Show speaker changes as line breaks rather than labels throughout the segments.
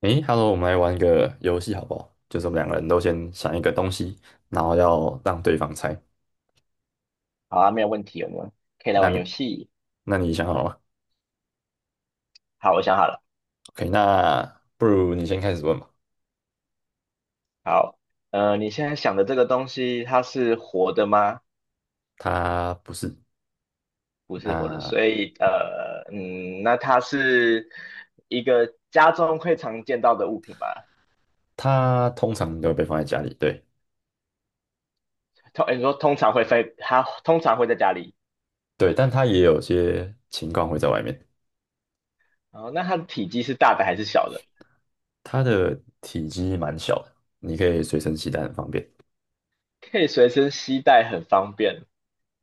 诶，Hello，我们来玩一个游戏好不好？就是我们两个人都先想一个东西，然后要让对方猜。
好啊，没有问题，我们可以来
那
玩
你，
游戏。
那你想好了吗
好，我想好了。
？OK，那不如你先开始问吧。
好，你现在想的这个东西，它是活的吗？
它不是，
不是活的，
那
所以那它是一个家中会常见到的物品吗？
它通常都会被放在家里，对
通，你说通常会飞，它通常会在家里。
对，但它也有些情况会在外面。
哦，那它的体积是大的还是小的？
它的体积蛮小的，你可以随身携带，很方便。
可以随身携带，很方便。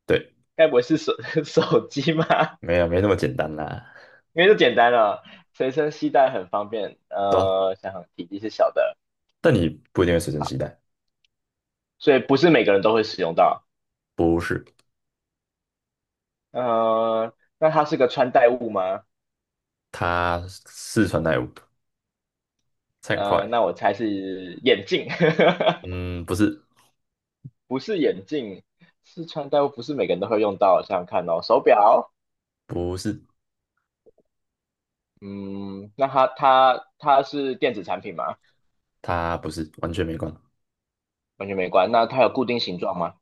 对，
该不会是手 手机吗？
没有没那么简单啦，
因为就简单了，随身携带很方便。
对啊，
想想体积是小的。
但你不一定会随身携带，
所以不是每个人都会使用到。
不是，
那它是个穿戴物吗？
它是穿代物，猜很快。
那我猜是眼镜，
嗯，不是，
不是眼镜，是穿戴物，不是每个人都会用到。想想看哦，手表，
不是，
嗯，那它是电子产品吗？
它不是，完全没关。
完全没关。那它有固定形状吗？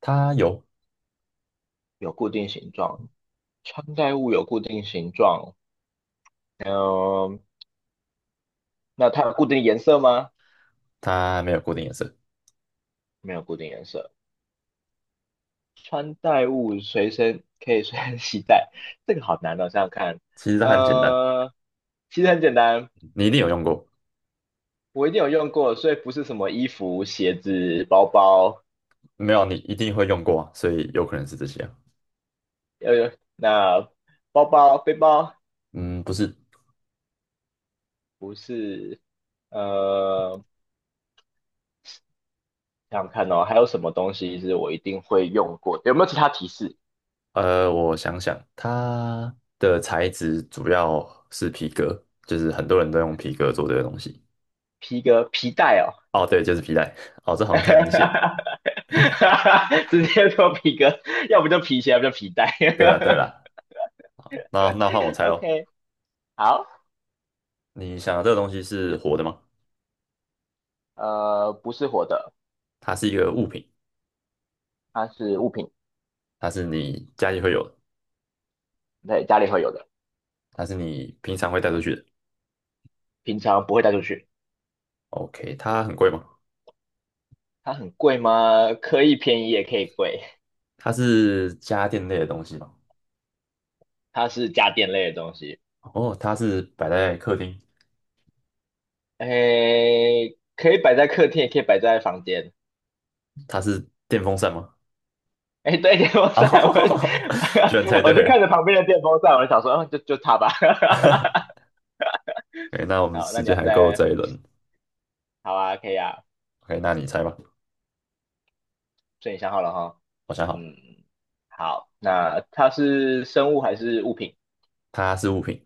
它有，
有固定形状，穿戴物有固定形状。嗯、那它有固定颜色吗？
它没有固定颜色。
没有固定颜色。穿戴物随身可以随身携带，这个好难哦，想想看，
其实它很简单，
呃，其实很简单，
你一定有用过，
我一定有用过，所以不是什么衣服、鞋子、包包，
没有你一定会用过啊，所以有可能是这些啊。
那包包、背包
嗯，不是，
不是，呃，想想看哦，还有什么东西是我一定会用过的？有没有其他提示？
我想想，它的材质主要是皮革，就是很多人都用皮革做这个东西。
皮革、皮带哦，
哦，对，就是皮带。哦，这好像太明显了。
直接说皮革，要不就皮鞋，要不就皮带。
对了，对了，那换我 猜喽。
OK，好。
你想的这个东西是活的吗？
不是活的，
它是一个物品，
它是物品，
它是你家里会有的，
在家里会有的，
它是你平常会带出去的。
平常不会带出去。
OK，它很贵吗？
它很贵吗？可以便宜也可以贵，
它是家电类的东西吗？
它是家电类的东西。
哦，它是摆在客厅，
诶，可以摆在客厅，也可以摆在房间。
它是电风扇吗？
诶，对，电风
啊、
扇，我
居然猜
我
对
就看
了。
着旁边的电风扇，我就想说，嗯，就它吧。
OK，那我 们
好，那
时
你
间
要
还够
再，
这一轮。
好啊，可以啊，
OK，那你猜吧。
所以你想好了哈。
我想好，
嗯，好，那它是生物还是物品？
它是物品，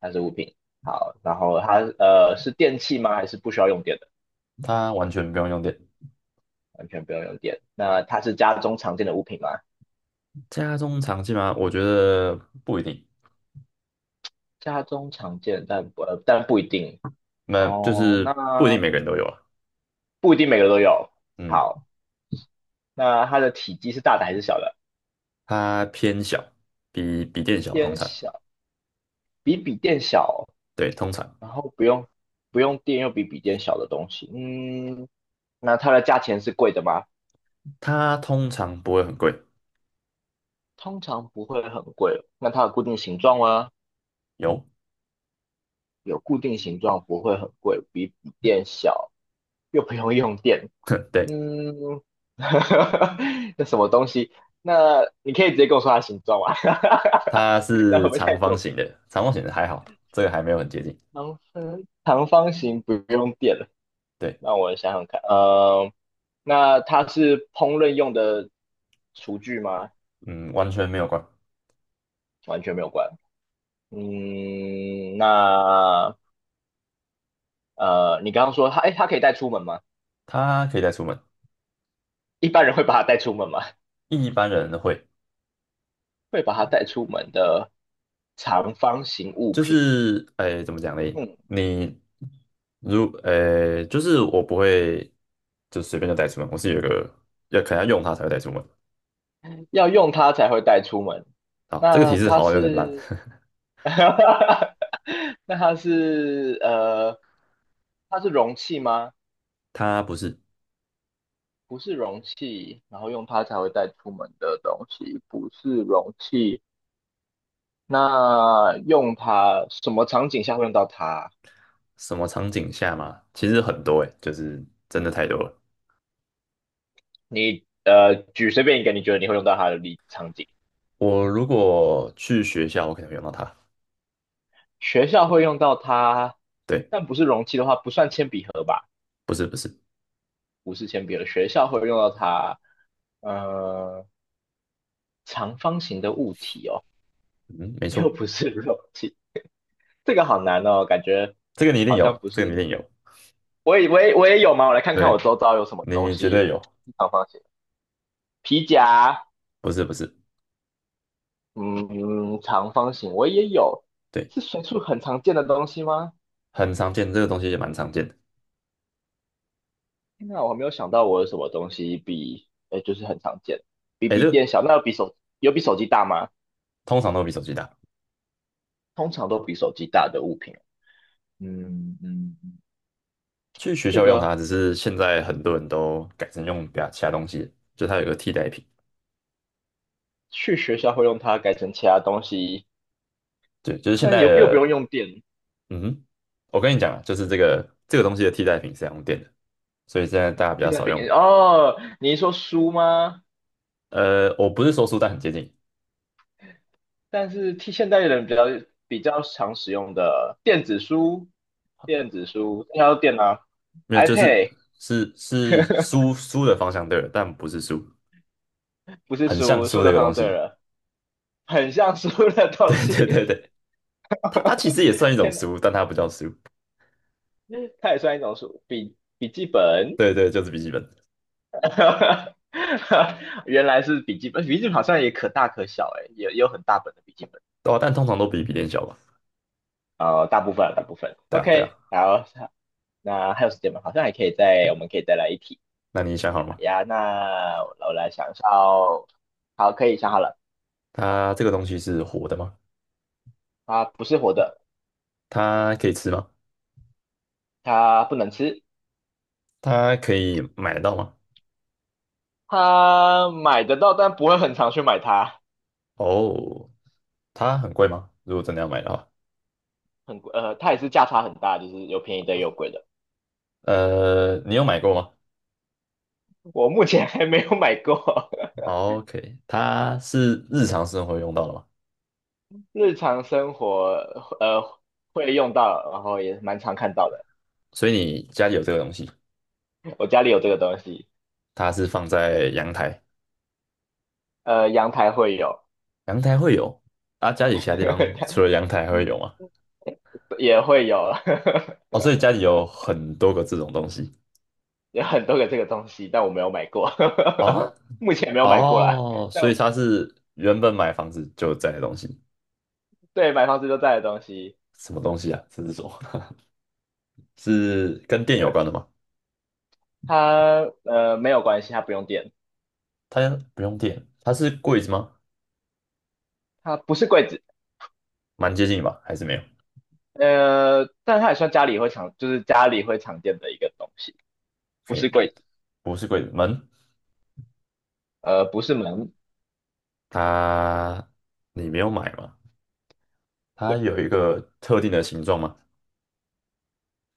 它是物品。好，然后它是电器吗？还是不需要用电的？
它完全不用用电。
完全不用用电。那它是家中常见的物品吗？
家中常见吗？我觉得不一定，
家中常见，但不一定
那就
哦。
是不一定
那
每个人都有啊。
不一定每个都有。
嗯，
好，那它的体积是大的还是小的？
它偏小，比电小，通
偏
常，
小，比笔电小，
对，通常，
然后不用电又比笔电小的东西。嗯，那它的价钱是贵的吗？
它通常不会很贵。
通常不会很贵。那它有固定形状吗？
有，
有固定形状，不会很贵，比笔电小，又不用用电。
对，
嗯，那什么东西？那你可以直接跟我说它的形状吗？
它
然后
是
我们再
长方
作
形
弊。
的，长方形的还好，这个还没有很接近。
长方形不用电了，
对，
让我想想看。那它是烹饪用的厨具吗？
嗯，完全没有关。
完全没有关。嗯，那你刚刚说它，哎，它可以带出门吗？
它可以带出门，
一般人会把它带出门吗？
一般人会，
会把它带出门的长方形物
就
品，
是，哎，怎么讲呢？
嗯，
你如，就是我不会，就随便就带出门，我是有一个要可能要用它才会带出门。
要用它才会带出门。
好，这个提
那
示
它
好像有点烂。
是，那它是它是容器吗？
它不是
不是容器，然后用它才会带出门的东西，不是容器。那用它什么场景下会用到它？
什么场景下嘛，其实很多诶，就是真的太多了。
你举随便一个你觉得你会用到它的例场景，
我如果去学校，我可能会用到它。
学校会用到它，
对，
但不是容器的话，不算铅笔盒吧？
不是不是，
不是铅笔了，学校会用到它，呃，长方形的物体哦，
嗯，没
又
错。
不是肉体，这个好难哦，感觉
这个你一定
好像
有，
不
这个你一
是，
定有，
我也有吗？我来看看我
对，
周遭有什么东
你绝
西，
对有，
长方形皮夹，
不是不是，
嗯，长方形我也有，
对，
是随处很常见的东西吗？
很常见，这个东西也蛮常见的，
天哪，我还没有想到我有什么东西比，就是很常见，比
哎，
笔
这个
电小，那有比手机大吗？
通常都比手机大。
通常都比手机大的物品，嗯。
去学
这
校用它，
个
只是现在很多人都改成用比他其他东西，就它有个替代品，
去学校会用它改成其他东西，
对，就是现
但
在
又又不用
的，
用电，
嗯哼，我跟你讲啊，就是这个东西的替代品是要用电的，所以现在大家比
替
较
代
少用，
品哦。你一说书吗？
我不是说书，但很接近，
但是替现代人比较常使用的电子书，电子书要电脑
没有，就是
，iPad
是书的方向对了，但不是书，
不是
很像
书，书
书的一
的
个东
方对
西，
了，很像书的
对
东西。
对对对。它它其实也算一种
天哪，
书，但它不叫书。
它也算一种书，笔记本。
对对，就是笔记本。
原来是笔记本，笔记本好像也可大可小、欸，哎，也也有很大本的笔记本。
哦，但通常都比笔电小吧？
大部分
对啊，对啊。
，OK，好，那还有时间吗？好像还可以再，我
OK，
们可以再来一题。
那你想好了
好
吗？
呀，那我来想一下哦。好，可以想好了，
它这个东西是活的吗？
它不是活的，
它可以吃吗？
它不能吃，
它可以买得到吗？
它买得到，但不会很常去买它，
哦，它很贵吗？如果真的要买的话，
很贵，它也是价差很大，就是有便宜的也有贵的。
你有买过吗？
我目前还没有买过，
哦？OK，它是日常生活用到的吗？
日常生活呃会用到，然后也蛮常看到的。
所以你家里有这个东西，
我家里有这个东西，
它是放在阳台，
阳台会有。
阳台会有，啊，家里其他地方除了 阳台还会有吗？
也会有，
哦，所以家里有很多个这种东西。
有很多个这个东西，但我没有买过，
啊，
目前没有买过啦。
哦，
但
所以它是原本买房子就在的东西，
对买房子都在的东西，
什么东西啊？这是什么？是跟电有关的吗？
它没有关系，它不用电，
它不用电，它是柜子吗？
它不是柜子，
蛮接近吧，还是没有
但它也算家里会常，就是家里会常见的一个东西，不是
？OK，
柜子，
不是柜子，门，
不是门，
它你没有买吗？它
对，
有一个特定的形状吗？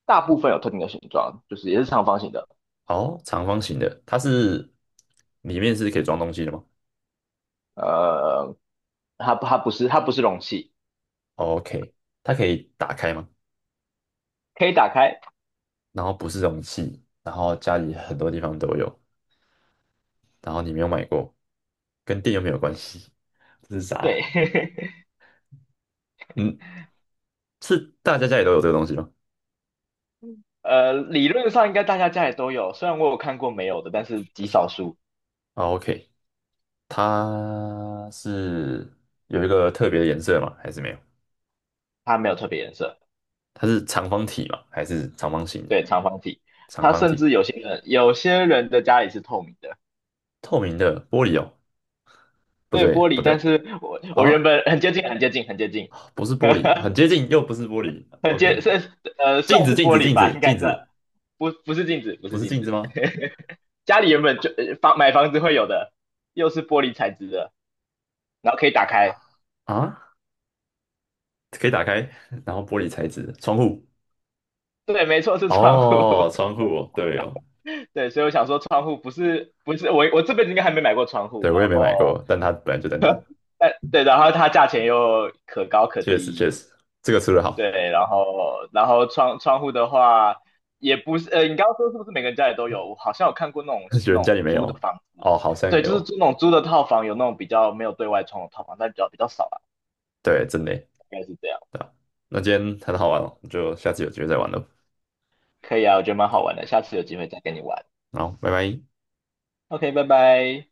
大部分有特定的形状，就是也是长方形的，
哦，长方形的，它是里面是可以装东西的吗
呃，它不是容器，
？OK，它可以打开吗？
可以打开，
然后不是容器，然后家里很多地方都有，然后你没有买过，跟电又没有关系。这是
对，
啥？嗯，是大家家里都有这个东西吗？
理论上应该大家家里都有，虽然我有看过没有的，但是极少数
啊，OK，它是有一个特别的颜色吗？还是没有？
它没有特别颜色。
它是长方体吗？还是长方形的？
对，长方体，
长
它
方
甚
体，
至有些人的家里是透明的，
透明的玻璃哦？不
对，
对，
玻
不
璃。但
对
是我原
啊，
本很接近，很接近，很接近，
不是玻璃，很接近，又不是玻璃。
很接
OK，
是算
镜子，
是
镜
玻
子，
璃
镜
吧，
子，
应
镜
该算，
子，
不是镜子，不
不
是
是
镜
镜子
子。
吗？
家里原本就买房子会有的，又是玻璃材质的，然后可以打开。
啊，可以打开，然后玻璃材质
对，没错，是
窗户
窗户。
哦，窗户哦对哦，
对，所以我想说，窗户不是不是我这辈子应该还没买过窗户，
对，我
然
也没买
后
过，但它本来就在那，
但对，然后它价钱又可高可
确实
低，
确实，这个出的好。
对，然后窗户的话也不是，你刚刚说是不是每个人家里都有？我好像有看过那种
有
那
人家
种
里没有
租的房子，
哦，好像也
对，就是
有，
租那种租的套房，有那种比较没有对外窗的套房，但比较少啦，
对，真的耶，
应该是这样。
对啊，那今天很好玩哦，就下次有机会再玩了，
可以啊，我觉得蛮好玩的，下次有机会再跟你玩。
好，拜拜。
OK，拜拜。